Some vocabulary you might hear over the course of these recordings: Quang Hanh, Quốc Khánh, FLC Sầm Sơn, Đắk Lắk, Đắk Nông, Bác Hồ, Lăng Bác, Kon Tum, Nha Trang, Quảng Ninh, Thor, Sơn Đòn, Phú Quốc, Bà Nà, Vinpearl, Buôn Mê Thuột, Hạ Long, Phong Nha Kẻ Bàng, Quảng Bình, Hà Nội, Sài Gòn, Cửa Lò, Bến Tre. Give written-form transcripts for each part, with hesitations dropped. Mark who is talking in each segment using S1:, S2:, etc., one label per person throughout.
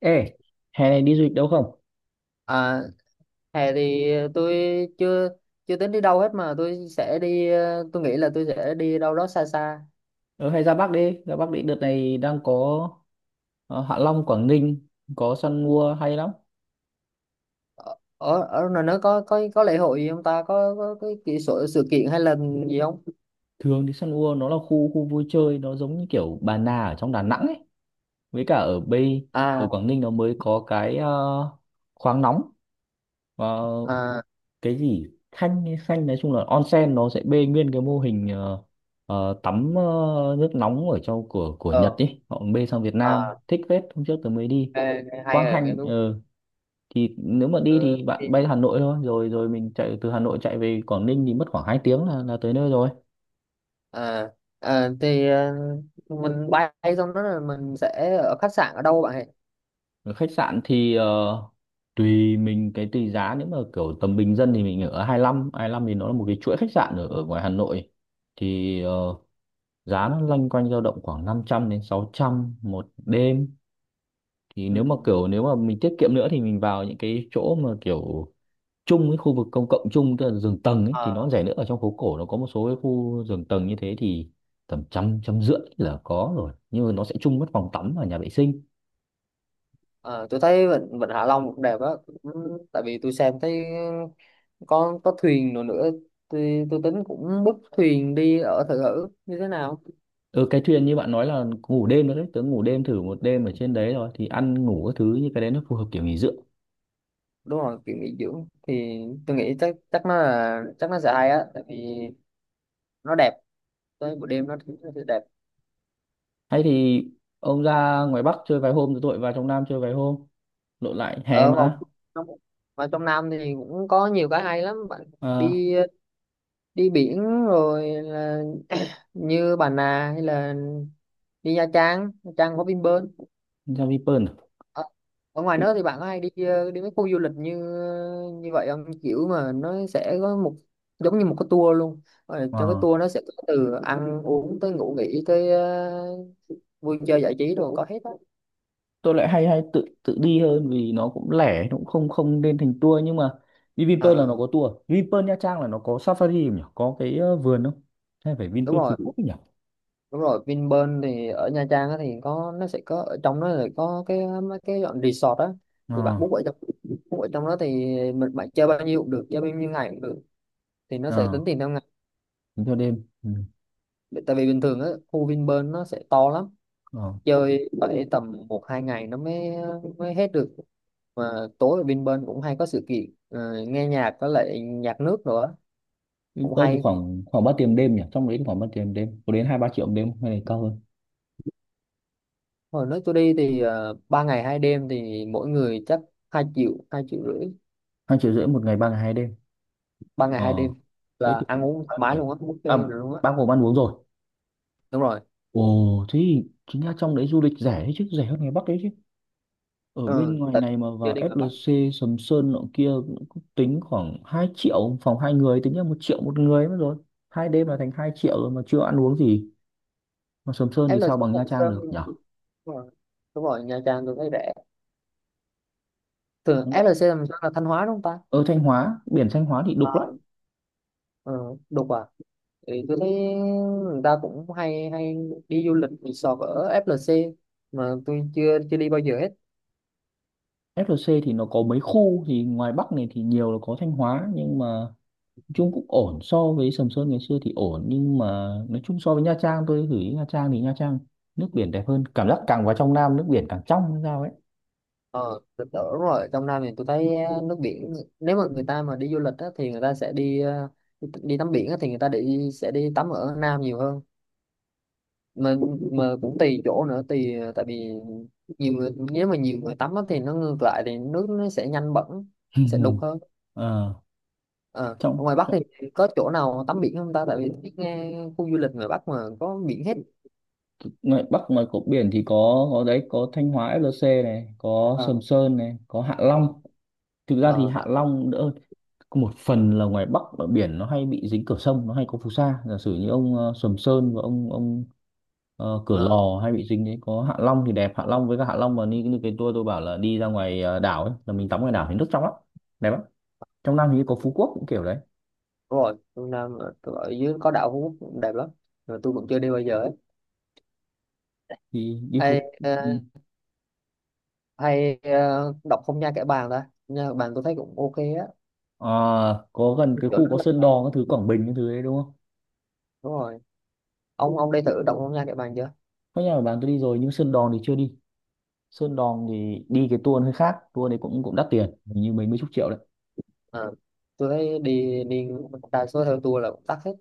S1: Ê, hè này đi du lịch đâu không?
S2: À, hè thì tôi chưa chưa tính đi đâu hết mà tôi sẽ đi tôi nghĩ là tôi sẽ đi đâu đó xa xa.
S1: Ờ, hay ra Bắc đi, ra Bắc đi. Đợt này đang có Hạ Long, Quảng Ninh, có săn mua hay lắm.
S2: Ở ở ở ngoài nó có lễ hội gì không ta, có cái sự kiện hay là gì không?
S1: Thường thì săn mua nó là khu khu vui chơi, nó giống như kiểu Bà Nà ở trong Đà Nẵng ấy. Với cả ở Bay, ở
S2: À.
S1: Quảng Ninh nó mới có cái khoáng nóng, ờ,
S2: À.
S1: cái gì Khanh, hay Khanh nói chung là onsen, nó sẽ bê nguyên cái mô hình tắm nước nóng ở trong của Nhật
S2: Ờ.
S1: ấy. Họ bê sang Việt Nam,
S2: À.
S1: thích phết, hôm trước tôi mới đi.
S2: Hay,
S1: Quang
S2: rồi nghe
S1: Hanh,
S2: đúng.
S1: thì nếu mà đi
S2: Ờ,
S1: thì bạn
S2: thì.
S1: bay Hà Nội thôi, rồi rồi mình chạy từ Hà Nội chạy về Quảng Ninh thì mất khoảng 2 tiếng là tới nơi rồi.
S2: À, à thì mình bay xong đó là mình sẽ ở khách sạn ở đâu bạn ấy?
S1: Ở khách sạn thì tùy mình, cái tùy giá, nếu mà kiểu tầm bình dân thì mình ở 25 lăm, thì nó là một cái chuỗi khách sạn ở ngoài Hà Nội, thì giá nó loanh quanh dao động khoảng 500 đến 600 một đêm. Thì
S2: Ừ.
S1: nếu mà mình tiết kiệm nữa thì mình vào những cái chỗ mà kiểu chung với khu vực công cộng, chung tức là giường tầng ấy, thì nó
S2: Ờ,
S1: rẻ nữa. Ở trong phố cổ nó có một số cái khu giường tầng như thế thì tầm trăm trăm rưỡi là có rồi, nhưng mà nó sẽ chung mất phòng tắm và nhà vệ sinh.
S2: ờ, tôi thấy vịnh Vịnh Hạ Long cũng đẹp á. Ừ, tại vì tôi xem thấy có thuyền nữa nữa. Tôi tính cũng book thuyền đi ở thử thử như thế nào.
S1: Ừ, cái thuyền như bạn nói là ngủ đêm nữa đấy, tớ ngủ đêm thử một đêm ở trên đấy rồi, thì ăn ngủ các thứ, như cái đấy nó phù hợp kiểu nghỉ dưỡng.
S2: Đúng rồi, kiểu nghỉ dưỡng thì tôi nghĩ chắc chắc nó là chắc nó sẽ hay á, tại vì nó đẹp, tới buổi đêm nó sẽ đẹp.
S1: Hay thì ông ra ngoài Bắc chơi vài hôm rồi tôi lại vào trong Nam chơi vài hôm, lộn lại hè
S2: Ở vào
S1: mà.
S2: trong Vào trong Nam thì cũng có nhiều cái hay lắm bạn.
S1: À,
S2: Đi đi biển rồi là như Bà Nà hay là đi Nha Trang. Nha Trang có Vinpearl.
S1: ra Vinpearl à?
S2: Ở ở ngoài nước thì bạn có hay đi đi mấy khu du lịch như như vậy không? Kiểu mà nó sẽ có một, giống như một cái tour luôn. Rồi trong cái
S1: Ờ.
S2: tour nó sẽ có từ ăn uống tới ngủ nghỉ tới vui chơi giải trí rồi có hết á.
S1: Tôi lại hay hay tự tự đi hơn, vì nó cũng lẻ, nó cũng không không nên thành tour, nhưng mà đi Vinpearl là
S2: Ờ,
S1: nó có tour à? Vinpearl Nha Trang là nó có safari không nhỉ, có cái vườn không, hay phải
S2: đúng
S1: Vinpearl Phú
S2: rồi,
S1: Quốc nhỉ.
S2: đúng rồi. Vinpearl thì ở Nha Trang á thì có, nó sẽ có ở trong đó là có cái mấy cái dọn resort á.
S1: Ờ,
S2: Thì bạn book ở trong đó thì mình bạn chơi bao nhiêu cũng được, chơi bao nhiêu ngày cũng được, thì nó sẽ
S1: ờ,
S2: tính tiền theo ngày.
S1: tính theo đêm, ừ.
S2: Tại vì bình thường á, khu Vinpearl nó sẽ to lắm,
S1: Ờ.
S2: chơi phải tầm một hai ngày nó mới mới hết được, mà tối ở bên bên cũng hay có sự kiện nghe nhạc với lại nhạc nước nữa. Cũng
S1: Vinpearl thì
S2: hay.
S1: khoảng khoảng ba tiền đêm nhỉ, trong đấy thì khoảng ba tiền đêm có đến 2-3 triệu một đêm không? Hay là cao hơn,
S2: Hồi nước tôi đi thì 3 ngày 2 đêm thì mỗi người chắc 2 triệu, 2,5 triệu.
S1: 2,5 triệu một ngày, 3 ngày 2 đêm?
S2: Ba ngày
S1: ờ
S2: hai đêm
S1: Thế
S2: là
S1: thì
S2: ăn
S1: cũng không
S2: uống thoải
S1: đắt nhỉ.
S2: mái luôn á,
S1: À,
S2: buffet rồi luôn á.
S1: bao gồm ăn uống rồi.
S2: Đúng rồi.
S1: Ồ, thế thì chính ra trong đấy du lịch rẻ đấy chứ, rẻ hơn ngoài Bắc đấy chứ. Ở bên
S2: Ừ,
S1: ngoài
S2: tại
S1: này mà
S2: chưa
S1: vào
S2: đi ngoài Bắc.
S1: FLC Sầm Sơn nọ kia cũng cũng tính khoảng 2 triệu phòng hai người, tính là 1 triệu một người mất rồi. 2 đêm là thành 2 triệu rồi mà chưa ăn uống gì, mà Sầm Sơn thì sao
S2: FLC
S1: bằng
S2: Sầm
S1: Nha Trang
S2: Sơn,
S1: được
S2: đúng
S1: nhở.
S2: rồi. Đúng rồi, Nha Trang tôi thấy rẻ. Thường FLC Sầm Sơn là Thanh Hóa đúng không ta?
S1: Ở Thanh Hóa, biển Thanh Hóa thì đục lắm.
S2: Ờ. Ừ, đúng. Thì tôi thấy người ta cũng hay hay đi du lịch resort ở FLC mà tôi chưa chưa đi bao giờ hết.
S1: FLC thì nó có mấy khu, thì ngoài Bắc này thì nhiều là có Thanh Hóa, nhưng mà nói chung cũng ổn so với Sầm Sơn ngày xưa thì ổn, nhưng mà nói chung so với Nha Trang, tôi gửi Nha Trang thì Nha Trang nước biển đẹp hơn, cảm giác càng vào trong Nam nước biển càng trong hay sao ấy.
S2: Ờ, tôi tưởng rồi trong Nam thì tôi thấy nước biển, nếu mà người ta mà đi du lịch á, thì người ta sẽ đi đi tắm biển á, thì người ta sẽ đi tắm ở Nam nhiều hơn mà mà cũng tùy chỗ nữa, tùy tại vì nhiều người, nếu mà nhiều người tắm á, thì nó ngược lại thì nước nó sẽ nhanh bẩn, nó sẽ đục hơn.
S1: Ờ,
S2: Ờ. Ở
S1: trong
S2: ngoài Bắc thì có chỗ nào tắm biển không ta? Tại vì tôi nghe khu du lịch ngoài Bắc mà có biển hết.
S1: ngoài Bắc, ngoài cột biển thì có đấy, có Thanh Hóa FLC này, có
S2: Ờ.
S1: Sầm Sơn này, có Hạ Long, thực ra thì
S2: Ờ
S1: Hạ
S2: hả?
S1: Long đỡ hơn. Có một phần là ngoài Bắc ở biển nó hay bị dính cửa sông, nó hay có phù sa, giả sử như ông Sầm Sơn, và ông Cửa
S2: Ờ,
S1: Lò hay bị dính đấy. Có Hạ Long thì đẹp, Hạ Long với cả Hạ Long mà đi như cái tour tôi bảo, là đi ra ngoài đảo ấy, là mình tắm ngoài đảo thì nước trong lắm, đẹp lắm. Trong Nam thì có Phú Quốc cũng kiểu đấy,
S2: đúng rồi. Phương Nam ở dưới có đảo Phú Quốc cũng đẹp lắm, mà tôi cũng chưa đi bao giờ ấy.
S1: thì đi
S2: Ê,
S1: Phú. Ừ.
S2: hay đọc không Nha Kẻ Bàng ta? Phong Nha Kẻ Bàng tôi thấy cũng ok á.
S1: À, có gần cái
S2: Chỗ
S1: khu
S2: đó
S1: có
S2: là
S1: Sơn Đòn các thứ, Quảng Bình các thứ đấy, đúng không?
S2: đúng rồi. Ông đi thử đọc không Nha Kẻ Bàng chưa?
S1: Có, nhà của bạn tôi đi rồi nhưng Sơn Đòn thì chưa đi. Sơn Đòn thì đi cái tour hơi khác, tour đấy cũng cũng đắt tiền, hình như mấy mấy chục triệu đấy.
S2: Ờ, tôi thấy đi đi đa số theo tour là cũng tắc hết.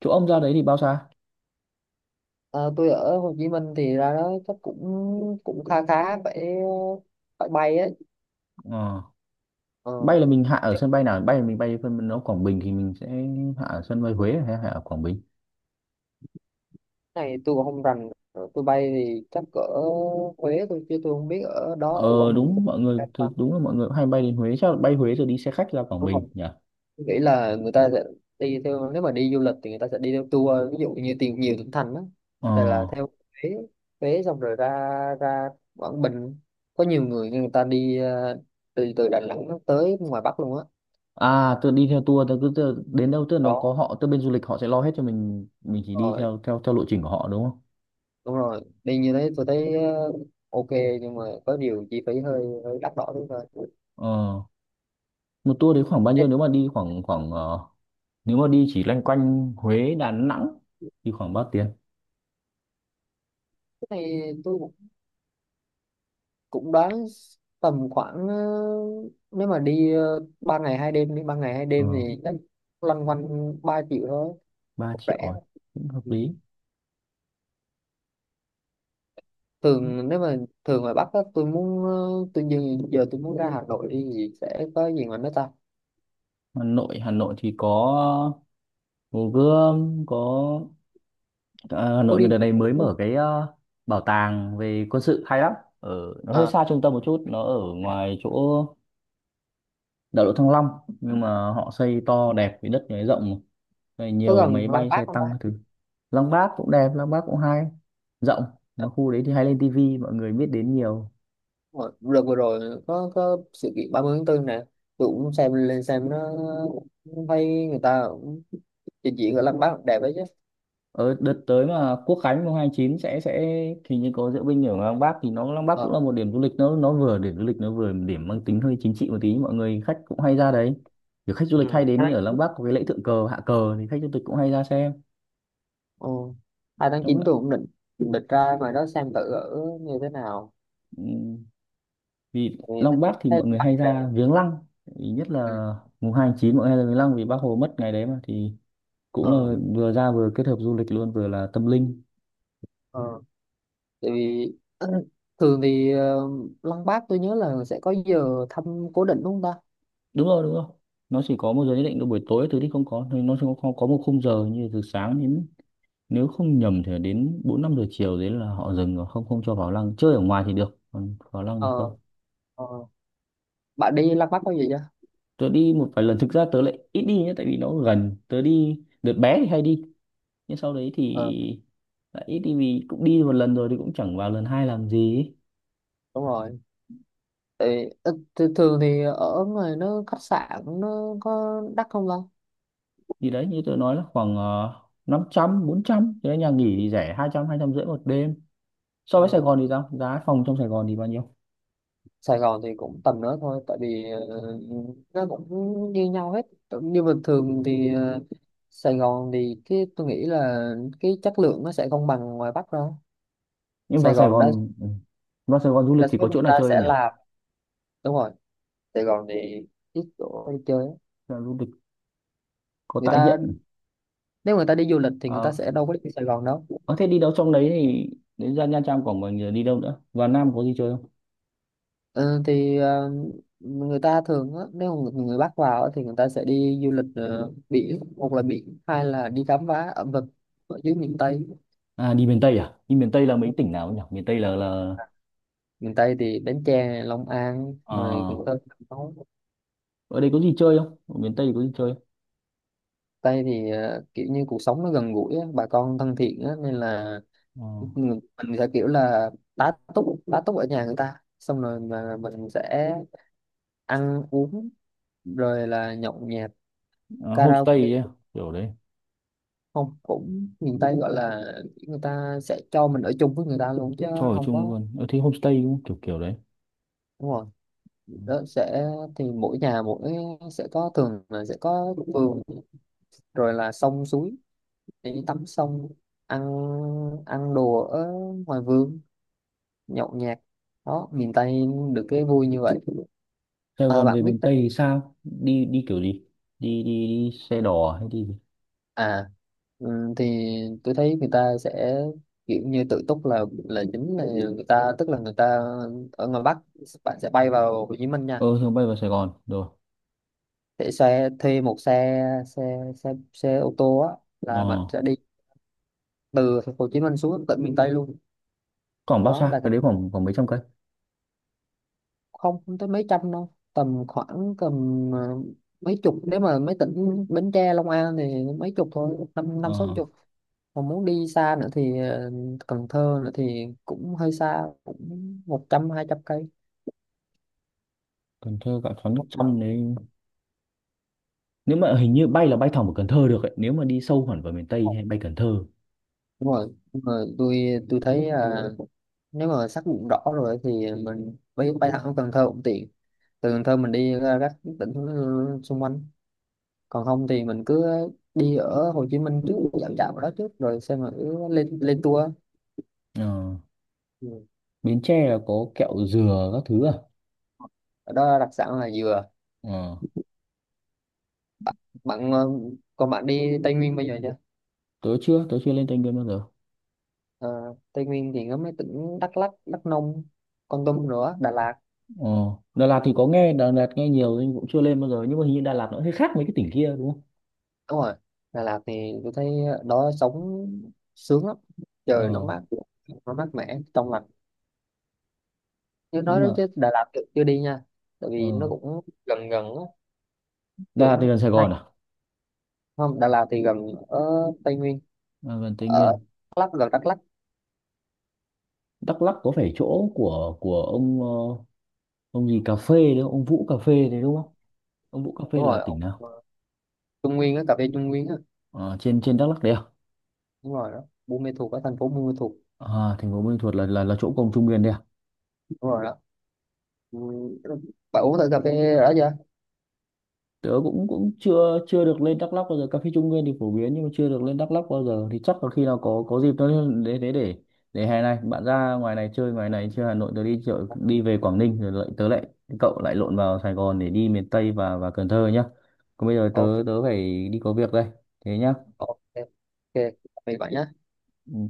S1: Chỗ ông ra đấy thì bao xa?
S2: Ờ, tôi ở Hồ Chí Minh thì ra đó chắc cũng cũng khá khá, phải phải bay ấy.
S1: Ờ,
S2: Ờ,
S1: bay là mình hạ ở sân bay nào, bay là mình bay phân nó Quảng Bình thì mình sẽ hạ ở sân bay Huế hay hạ ở Quảng Bình?
S2: này tôi cũng không rành. Rồi tôi bay thì chắc ở Huế thôi chứ tôi không biết ở đó ở
S1: Ờ
S2: Quảng Bình có
S1: Đúng, mọi người
S2: bay
S1: thì
S2: không.
S1: đúng là mọi người cũng hay bay đến Huế, chắc là bay Huế rồi đi xe khách ra Quảng
S2: Đúng không,
S1: Bình nhỉ.
S2: tôi nghĩ là người ta sẽ đi theo, nếu mà đi du lịch thì người ta sẽ đi theo tour, ví dụ như tìm nhiều tỉnh thành đó,
S1: ờ
S2: tại là theo Huế. Huế xong rồi ra ra Quảng Bình. Có nhiều người, người ta đi từ từ Đà Nẵng tới ngoài Bắc luôn á.
S1: À, tôi đi theo tour, tôi cứ đến đâu, tức là nó có
S2: Đó
S1: họ, tức bên du lịch họ sẽ lo hết cho mình chỉ đi
S2: rồi,
S1: theo theo theo lộ trình của họ, đúng không?
S2: đúng rồi, đi như thế tôi thấy ok, nhưng mà có điều chi phí hơi hơi đắt đỏ đúng thôi.
S1: ờ Một tour đấy khoảng bao
S2: Thế
S1: nhiêu, nếu mà đi khoảng khoảng nếu mà đi chỉ loanh quanh Huế, Đà Nẵng thì khoảng bao tiền?
S2: cái này tôi cũng cũng đoán tầm khoảng nếu mà đi ba ngày hai đêm,
S1: ờ,
S2: thì chắc loanh quanh 3 triệu thôi,
S1: 3
S2: cũng
S1: triệu
S2: rẻ.
S1: rồi cũng hợp
S2: Ừ.
S1: lý.
S2: thường nếu mà thường ngoài Bắc á, tôi muốn tôi giờ, giờ tôi muốn ra Hà Nội đi thì sẽ có gì mà nó ta?
S1: Hà Nội thì có Hồ Gươm, có, à, Hà
S2: Có
S1: Nội
S2: đi
S1: người đợt
S2: bộ
S1: này mới
S2: đúng không?
S1: mở cái bảo tàng về quân sự hay lắm. Ở, nó hơi
S2: À,
S1: xa trung tâm một chút, nó ở ngoài chỗ đại lộ Thăng Long, nhưng mà họ xây to đẹp, với đất này rộng này,
S2: có
S1: nhiều
S2: gần
S1: máy
S2: Lăng
S1: bay
S2: Bác
S1: xe
S2: không ta?
S1: tăng các thứ. Lăng Bác cũng đẹp, Lăng Bác cũng hay, rộng,
S2: À,
S1: mà khu đấy thì hay lên tivi mọi người biết đến nhiều.
S2: đúng rồi. Đợt vừa rồi có sự kiện 30 tháng 4 nè. Tôi cũng xem, lên xem nó, thấy người ta cũng trình diễn ở Lăng Bác đẹp đấy chứ.
S1: Ở đợt tới mà Quốc Khánh mùng 2/9 sẽ thì như có diễu binh ở Lăng Bác, thì nó Lăng Bác cũng là
S2: Ờ.
S1: một điểm du lịch, nó vừa điểm du lịch, nó vừa điểm mang tính hơi chính trị một tí, mọi người khách cũng hay ra đấy, kiểu khách du lịch hay
S2: Ừ.
S1: đến ở Lăng Bác, có cái lễ thượng cờ hạ cờ thì khách du lịch cũng hay ra xem.
S2: Ồ, 2 tháng
S1: Trong
S2: 9 tôi cũng định định ra ngoài đó xem thử ở như thế nào.
S1: ừm, Vì
S2: Tại vì thấy,
S1: Lăng Bác thì
S2: thấy
S1: mọi người
S2: bạn
S1: hay
S2: đẹp.
S1: ra viếng lăng. Ý nhất là
S2: Ừ.
S1: mùng 2/9 mọi người hay ra viếng lăng, vì Bác Hồ mất ngày đấy mà, thì cũng
S2: Ờ,
S1: là vừa ra vừa kết hợp du lịch luôn, vừa là tâm linh.
S2: ờ. Tại vì thường thì Lăng Bác tôi nhớ là sẽ có giờ thăm cố định đúng không ta?
S1: Đúng rồi, đúng rồi. Nó chỉ có một giờ nhất định, là buổi tối thứ thì không có, thì nó chỉ có một khung giờ, như từ sáng đến, nếu không nhầm, thì đến 4-5 giờ chiều đấy là họ dừng rồi, không không cho vào lăng. Chơi ở ngoài thì được, còn vào lăng thì
S2: Ờ,
S1: không.
S2: ờ. Bạn đi Lăng Bác bao giờ chưa?
S1: Tớ đi một vài lần, thực ra tớ lại ít đi nhé, tại vì nó gần tớ đi đợt bé thì hay đi, nhưng sau đấy thì
S2: Ờ,
S1: lại ít đi vì cũng đi một lần rồi thì cũng chẳng vào lần hai làm gì ấy.
S2: đúng rồi. Tại vì, thường thì ở ngoài nó khách sạn nó có đắt không ta?
S1: Thì đấy như tớ nói là khoảng 500-400 thế nhà nghỉ thì rẻ, hai hai trăm, hai trăm rưỡi một đêm. So
S2: Ờ.
S1: với Sài Gòn thì sao, giá phòng trong Sài Gòn thì bao nhiêu?
S2: Sài Gòn thì cũng tầm đó thôi, tại vì ờ, nó cũng như nhau hết. Cũng như bình thường thì Sài Gòn thì cái tôi nghĩ là cái chất lượng nó sẽ không bằng ngoài Bắc đâu.
S1: Nhưng
S2: Sài
S1: vào Sài
S2: Gòn đa
S1: Gòn, ừ, vào Sài Gòn du lịch
S2: đa
S1: thì
S2: số
S1: có
S2: người
S1: chỗ nào
S2: ta
S1: chơi
S2: sẽ
S1: không nhỉ?
S2: làm, đúng rồi. Sài Gòn thì ít chỗ đi chơi á.
S1: Là du lịch, có
S2: Người
S1: tại
S2: ta,
S1: hiện.
S2: nếu người ta đi du lịch thì người ta
S1: Ờ,
S2: sẽ đâu có đi Sài Gòn đâu.
S1: à, thế đi đâu trong đấy thì đến, ra Nha Trang, Quảng Bình, rồi đi đâu nữa, vào Nam có gì chơi không?
S2: Ờ, thì người ta thường á, nếu mà người Bắc vào á, thì người ta sẽ đi du lịch biển, một là biển, hai là đi khám phá ẩm thực ở dưới miền Tây.
S1: À, đi miền Tây, à đi miền Tây là mấy tỉnh nào nhỉ, miền Tây là,
S2: Miền Tây thì Bến Tre, Long An
S1: ờ,
S2: rồi Cần Thơ, Cà.
S1: ở đây có gì chơi không, ở miền Tây thì có gì chơi
S2: Tây thì kiểu như cuộc sống nó gần gũi á, bà con thân thiện á, nên là
S1: không?
S2: mình sẽ kiểu là tá túc tá túc ở nhà người ta, xong rồi mà mình sẽ ăn uống rồi là nhậu nhẹt
S1: Ờ, à, homestay
S2: karaoke.
S1: ấy, à? Kiểu đấy,
S2: Không, cũng miền Tây gọi là người ta sẽ cho mình ở chung với người ta luôn chứ
S1: cho ở
S2: không
S1: chung
S2: có,
S1: luôn ở, thế homestay cũng kiểu kiểu đấy.
S2: đúng rồi.
S1: Ừ.
S2: Đó sẽ, thì mỗi nhà mỗi sẽ có, thường là sẽ có vườn rồi là sông suối để đi tắm, xong ăn ăn đồ ở ngoài vườn, nhậu nhẹt. Đó, miền Tây được cái vui như vậy.
S1: Sài
S2: À,
S1: Gòn
S2: bạn
S1: về
S2: biết
S1: miền Tây
S2: đấy.
S1: thì sao, đi đi kiểu gì, đi đi đi xe đò hay đi gì?
S2: À. Thì tôi thấy người ta sẽ kiểu như tự túc là chính là người ta, tức là người ta ở ngoài Bắc bạn sẽ bay vào Hồ Chí Minh nha.
S1: Ờ Thường bay vào Sài Gòn rồi.
S2: Sẽ xe, thuê một xe xe xe xe ô tô á,
S1: ờ
S2: là bạn sẽ đi từ Hồ Chí Minh xuống tận miền Tây luôn.
S1: Khoảng bao
S2: Đó
S1: xa
S2: là
S1: cái đấy, khoảng khoảng mấy trăm cây?
S2: không, không tới mấy trăm đâu, tầm khoảng ờ, mấy chục, nếu mà mấy tỉnh Bến Tre Long An thì mấy chục thôi, năm
S1: Ờ,
S2: năm sáu chục. Còn muốn đi xa nữa thì Cần Thơ nữa thì cũng hơi xa, cũng 100-200 cây.
S1: Cần Thơ cạn sóng nước trong đấy, nếu mà hình như bay là bay thẳng vào Cần Thơ được ấy, nếu mà đi sâu hẳn vào miền Tây hay bay Cần Thơ.
S2: Đúng rồi nhưng mà tôi tôi thấy là nếu mà xác định rõ rồi thì mình bay bay thẳng Cần Thơ cũng tiện, từ Cần Thơ mình đi ra các tỉnh xung quanh, còn không thì mình cứ đi ở Hồ Chí Minh trước, dạo dạo ở đó trước rồi xem, mà cứ lên lên tour.
S1: Ờ,
S2: Ừ.
S1: Bến Tre là có kẹo dừa các thứ à.
S2: Ở đó đặc sản là dừa,
S1: Ờ,
S2: bạn. Ờ, còn bạn đi Tây Nguyên bây giờ chưa?
S1: tớ chưa lên Tây Nguyên bao giờ.
S2: Ờ, Tây Nguyên thì có mấy tỉnh Đắk Lắk, Đắk Nông, Kon Tum nữa, Đà Lạt.
S1: Ờ, Đà Lạt thì có nghe, Đà Lạt nghe nhiều nhưng cũng chưa lên bao giờ, nhưng mà hình như Đà Lạt nó hơi khác mấy cái tỉnh kia, đúng không?
S2: Đúng rồi, Đà Lạt thì tôi thấy ở đó sống sướng lắm, trời nó
S1: Ờ,
S2: mát, nó mát mẻ trong lành, chứ nói
S1: nhưng
S2: đó
S1: mà
S2: chứ Đà Lạt tôi chưa đi nha, tại vì nó
S1: ờ,
S2: cũng gần gần á.
S1: Đà
S2: Tôi
S1: Lạt thì
S2: cũng
S1: gần Sài
S2: hay,
S1: Gòn à?
S2: không, Đà Lạt thì gần ở Tây Nguyên,
S1: À, gần Tây
S2: ở
S1: Nguyên.
S2: Đắk Lắk, gần Đắk Lắk.
S1: Đắk Lắk có phải chỗ của ông, ông gì cà phê đấy, ông Vũ cà phê đấy đúng không, ông Vũ cà phê
S2: Đúng
S1: là
S2: rồi,
S1: tỉnh
S2: ông
S1: nào?
S2: Trung Nguyên á, cà phê Trung Nguyên á.
S1: Ờ, trên trên Đắk Lắk đấy à?
S2: Đúng rồi đó, Buôn Mê Thuột, ở thành phố Buôn Mê Thuột.
S1: À, thành phố Buôn Ma Thuột là chỗ cổng Trung Nguyên đấy à?
S2: Đúng rồi đó. Ừ, bạn uống thử cà phê đã chưa?
S1: Tớ cũng cũng chưa chưa được lên Đắk Lắk bao giờ. Cà phê Trung Nguyên thì phổ biến nhưng mà chưa được lên Đắk Lắk bao giờ. Thì chắc là khi nào có dịp tớ để để hè này bạn ra ngoài này chơi, ngoài này chơi Hà Nội, tớ đi chợ, đi về Quảng Ninh, rồi lại tớ lại cậu lại lộn vào Sài Gòn để đi miền Tây và Cần Thơ nhá. Còn bây giờ tớ
S2: Ok,
S1: tớ phải đi có việc đây. Thế nhá.
S2: ok, ok, tạm biệt bạn nhé.
S1: Ừ.